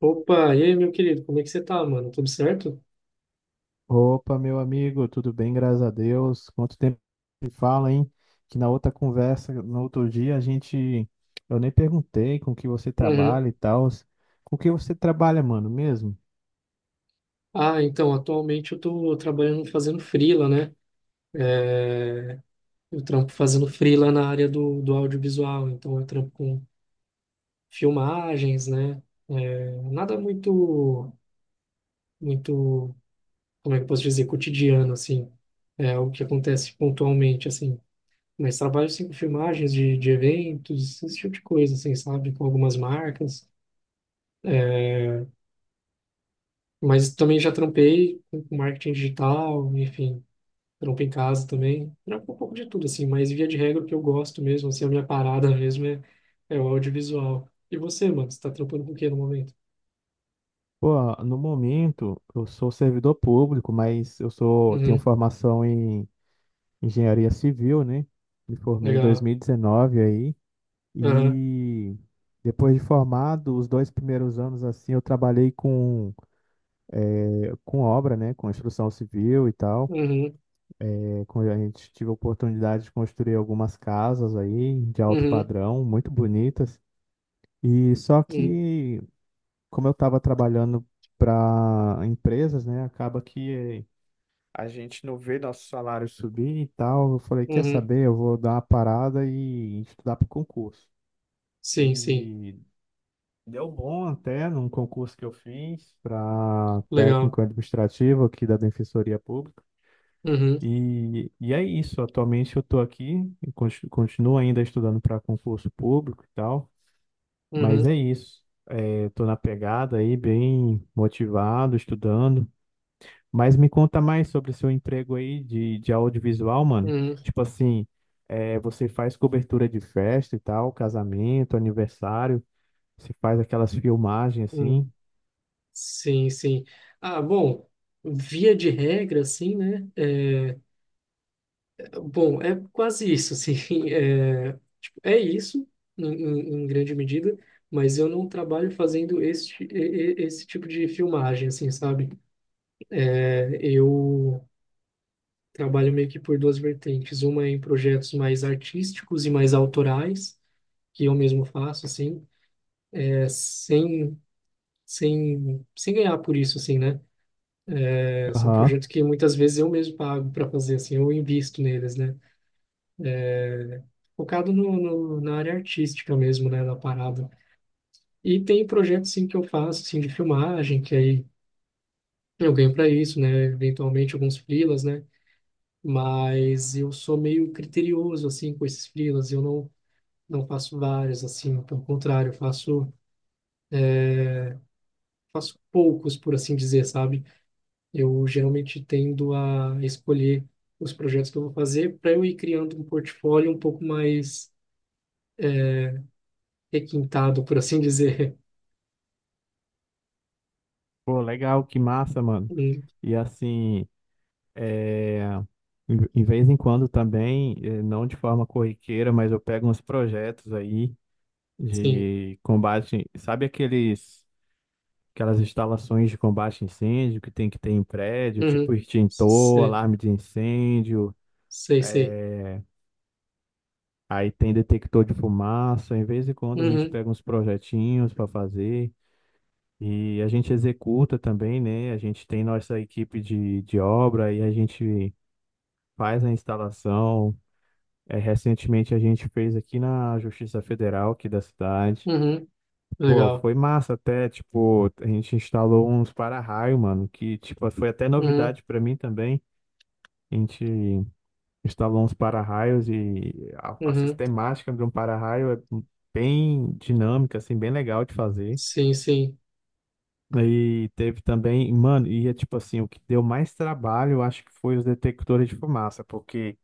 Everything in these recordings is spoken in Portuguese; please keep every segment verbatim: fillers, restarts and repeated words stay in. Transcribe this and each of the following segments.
Opa, e aí, meu querido, como é que você tá, mano? Tudo certo? Opa, meu amigo, tudo bem? Graças a Deus. Quanto tempo se fala, hein? Que na outra conversa, no outro dia, a gente. Eu nem perguntei com que você Uhum. trabalha e tal. Com que você trabalha, mano, mesmo? Ah, então, atualmente eu tô trabalhando fazendo freela, né? É, Eu trampo fazendo freela na área do, do audiovisual, então eu trampo com filmagens, né? É, Nada muito, muito, como é que eu posso dizer, cotidiano, assim. É o que acontece pontualmente, assim. Mas trabalho, sim, com filmagens de, de eventos, esse tipo de coisa, assim, sabe? Com algumas marcas. É, Mas também já trampei com com marketing digital, enfim, trampo em casa também. Trampo um pouco de tudo, assim, mas via de regra o que eu gosto mesmo, assim, a minha parada mesmo é, é o audiovisual. E você, mano, você tá trampando com o quê no momento? Pô, no momento, eu sou servidor público, mas eu sou... tenho Uhum, formação em engenharia civil, né? Me formei em legal. dois mil e dezenove aí. Aham, E depois de formado, os dois primeiros anos, assim, eu trabalhei com, eh, com obra, né? Com construção civil e tal. uhum, Quando a gente tive a oportunidade de construir algumas casas aí de alto uhum, padrão, muito bonitas. E só uhum, que, como eu estava trabalhando para empresas, né, acaba que a gente não vê nosso salário subir e tal. Eu falei, quer uhum. saber? Eu vou dar uma parada e estudar para o concurso. Sim, sim, E deu bom até num concurso que eu fiz para legal. técnico administrativo aqui da Defensoria Pública. Uhum, E, e é isso. Atualmente eu estou aqui, eu conti- continuo ainda estudando para concurso público e tal, mas é uhum, isso. Estou na pegada aí, bem motivado, estudando. Mas me conta mais sobre seu emprego aí de, de audiovisual, mano. uhum, Tipo assim, é, você faz cobertura de festa e tal, casamento, aniversário, você faz aquelas filmagens uhum. assim. Sim, sim. Ah, bom, via de regra, assim, né? É, Bom, é quase isso, assim, é, tipo, é isso, em, em- em grande medida, mas eu não trabalho fazendo este, esse tipo de filmagem, assim, sabe? É, Eu trabalho meio que por duas vertentes, uma é em projetos mais artísticos e mais autorais, que eu mesmo faço, assim, é, sem, sem, sem ganhar por isso, assim, né? É, são Aham. projetos que muitas vezes eu mesmo pago para fazer, assim, eu invisto neles, né? Focado no, no- na área artística mesmo, né, da parada. E tem projetos sim que eu faço assim de filmagem, que aí eu ganho para isso, né? Eventualmente alguns freelas, né? Mas eu sou meio criterioso assim com esses freelas, eu não não faço vários assim, pelo contrário, eu faço faço poucos, por assim dizer, sabe? Eu geralmente tendo a escolher os projetos que eu vou fazer para eu ir criando um portfólio um pouco mais requintado, por assim dizer. Pô, legal, que massa, mano. Hum, E assim. É, em em vez em quando também, eh, não de forma corriqueira, mas eu pego uns projetos aí sim. de combate, sabe aqueles, aquelas instalações de combate a incêndio que tem que ter em prédio, tipo Uhum. extintor, Sei, alarme de incêndio, sei, sei. eh, aí tem detector de fumaça. Em vez em quando a gente Uhum. pega uns projetinhos para fazer e a gente executa também, né? A gente tem nossa equipe de, de obra e a gente faz a instalação. É, recentemente a gente fez aqui na Justiça Federal aqui da cidade. Uhum. Pô, Legal. foi massa até, tipo, a gente instalou uns para-raio, mano, que tipo foi até Uhum, novidade pra mim também. A gente instalou uns para-raios e a, a uhum. sistemática de um para-raio é bem dinâmica, assim, bem legal de fazer. Sim, sim. E teve também, mano, e é tipo assim, o que deu mais trabalho, eu acho que foi os detectores de fumaça, porque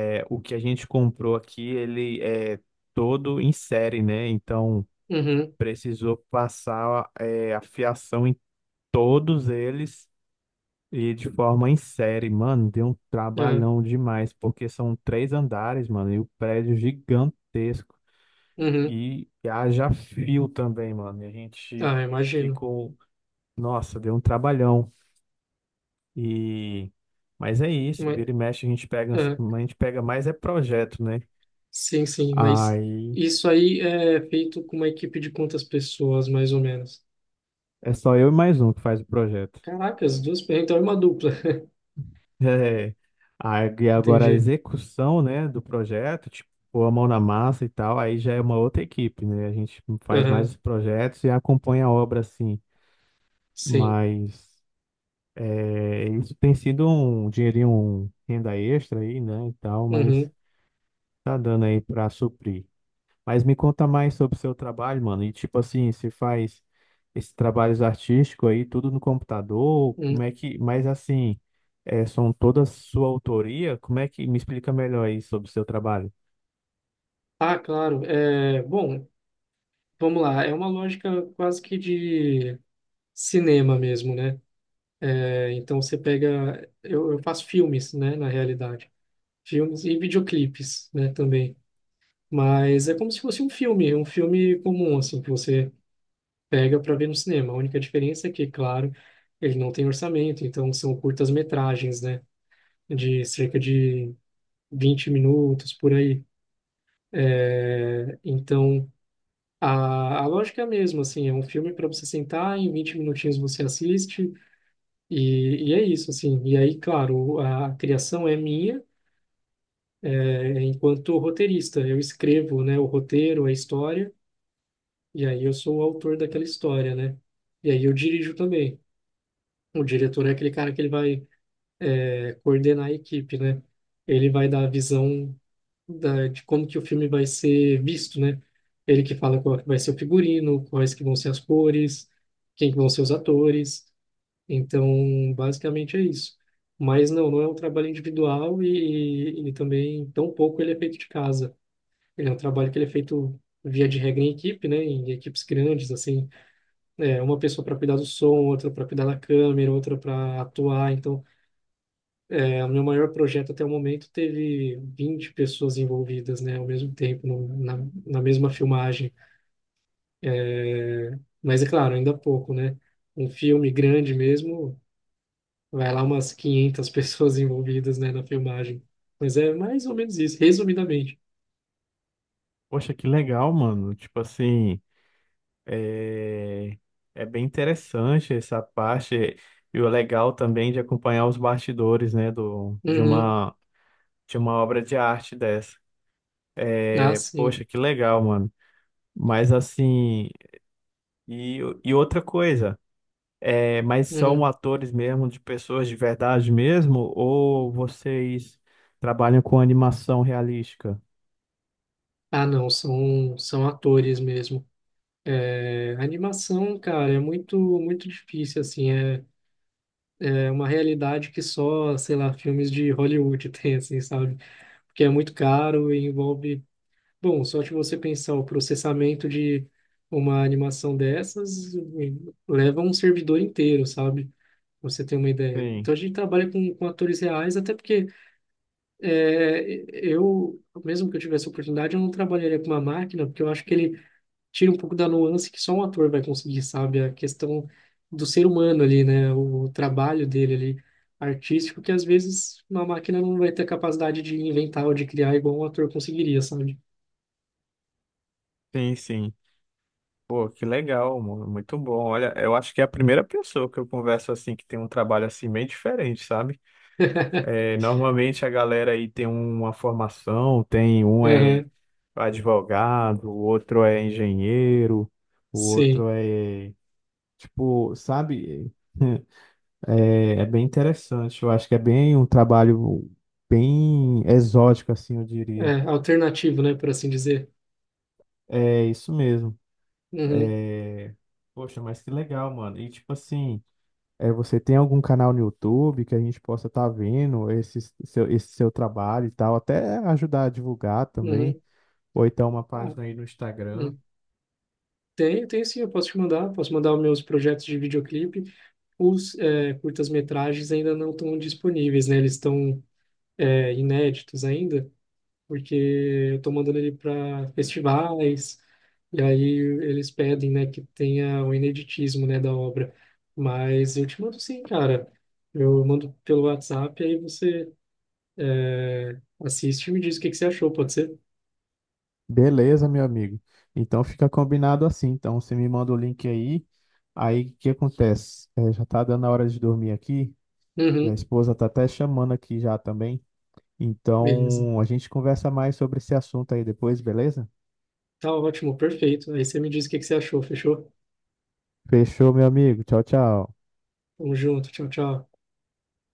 é, o que a gente comprou aqui, ele é todo em série, né? Então, Uhum, precisou passar é, a fiação em todos eles e de forma em série. Mano, deu um ah, trabalhão demais, porque são três andares, mano, e o prédio gigantesco. uhum. E haja fio também, mano. E a gente Ah, imagino. ficou... Nossa, deu um trabalhão. E... mas é isso, Mas, vira e mexe, a gente pega, ah, a gente pega mais é projeto, né? sim, sim, mas Aí isso aí é feito com uma equipe de quantas pessoas, mais ou menos? é só eu e mais um que faz o projeto. Caracas, duas, pe- então é uma dupla. É. Aí e agora a Entendi. execução, né, do projeto, tipo, pôr a mão na massa e tal, aí já é uma outra equipe, né? A gente faz mais Aham, os projetos e acompanha a obra assim. sim. Mas é, isso tem sido um dinheirinho, um renda extra aí, né, e tal, mas Uhum, tá dando aí para suprir. Mas me conta mais sobre o seu trabalho, mano. E tipo assim, você faz esses trabalhos artísticos aí, tudo no computador? Como uhum. é que. Mas assim, é, são todas sua autoria? Como é que. Me explica melhor aí sobre o seu trabalho. Ah, claro. É, bom, vamos lá. É uma lógica quase que de cinema mesmo, né? É, então você pega. Eu, eu faço filmes, né, na realidade. Filmes e videoclipes, né, também. Mas é como se fosse um filme, um filme comum, assim, que você pega para ver no cinema. A única diferença é que, claro, ele não tem orçamento, então são curtas-metragens, né? De cerca de vinte minutos, por aí. É, então, a, a lógica é a mesma, assim, é um filme para você sentar, em vinte minutinhos você assiste, e, e é isso, assim. E aí, claro, a criação é minha, é, enquanto roteirista. Eu escrevo, né, o roteiro, a história. E aí eu sou o autor daquela história, né? E aí eu dirijo também. O diretor é aquele cara que ele vai é, coordenar a equipe, né? Ele vai dar a visão da, de como que o filme vai ser visto, né? Ele que fala qual que vai ser o figurino, quais que vão ser as cores, quem que vão ser os atores. Então, basicamente é isso. Mas não, não é um trabalho individual e, e também, tão pouco ele é feito de casa. Ele é um trabalho que ele é feito via de regra em equipe, né? Em equipes grandes, assim. É, uma pessoa para cuidar do som, outra para cuidar da câmera, outra para atuar. Então, é, o meu maior projeto até o momento teve vinte pessoas envolvidas, né, ao mesmo tempo, no, na, na mesma filmagem. É, mas é claro, ainda pouco, né? Um filme grande mesmo, vai lá umas quinhentas pessoas envolvidas, né, na filmagem. Mas é mais ou menos isso, resumidamente. Poxa, que legal, mano. Tipo assim, é, é bem interessante essa parte. E o legal também de acompanhar os bastidores, né, do... de Uhum. uma... de uma obra de arte dessa. Ah, É, sim. poxa, que legal, mano. Mas assim. E, e outra coisa. É, mas são Uhum. atores mesmo, de pessoas de verdade mesmo, ou vocês trabalham com animação realística? Ah, não, são, são atores mesmo. É, a animação, cara, é muito, muito difícil, assim, é, é uma realidade que só, sei lá, filmes de Hollywood tem, assim, sabe? Porque é muito caro e envolve... Bom, só de você pensar o processamento de uma animação dessas eh, leva um servidor inteiro, sabe? Pra você tem uma ideia. Sim, Então a gente trabalha com, com atores reais, até porque é, eu, mesmo que eu tivesse oportunidade, eu não trabalharia com uma máquina, porque eu acho que ele tira um pouco da nuance que só um ator vai conseguir, sabe? A questão do ser humano ali, né? O trabalho dele ali, artístico, que às vezes uma máquina não vai ter capacidade de inventar ou de criar igual um ator conseguiria, sabe? sim, sim. Pô, que legal, mano. Muito bom. Olha, eu acho que é a primeira pessoa que eu converso assim que tem um trabalho assim meio diferente, sabe? É, normalmente a galera aí tem uma formação, tem um é Aham, advogado, o outro é engenheiro, o sim. outro é tipo, sabe? É, é bem interessante. Eu acho que é bem um trabalho bem exótico, assim, eu diria. É, alternativo, né, por assim dizer. É isso mesmo. Uhum, É... poxa, mas que legal, mano. E tipo assim, é, você tem algum canal no YouTube que a gente possa estar vendo esse seu, esse seu trabalho e tal, até ajudar a divulgar também, uhum. ou então uma Ah, página aí no Instagram. hum. Tem, tem sim, eu posso te mandar. Posso mandar os meus projetos de videoclipe. Os é, curtas-metragens ainda não estão disponíveis, né? Eles estão é, inéditos ainda. Porque eu tô mandando ele para festivais, e aí eles pedem, né, que tenha o ineditismo, né, da obra. Mas eu te mando sim, cara. Eu mando pelo WhatsApp, aí você assiste e me diz o que que você achou, pode ser? Beleza, meu amigo. Então fica combinado assim. Então você me manda o link aí. Aí o que acontece? É, já tá dando a hora de dormir aqui. E a Uhum, esposa tá até chamando aqui já também. beleza. Então, a gente conversa mais sobre esse assunto aí depois, beleza? Tá ótimo, perfeito. Aí você me diz o que que você achou, fechou? Fechou, meu amigo. Tchau, tchau. Tamo junto, tchau, tchau.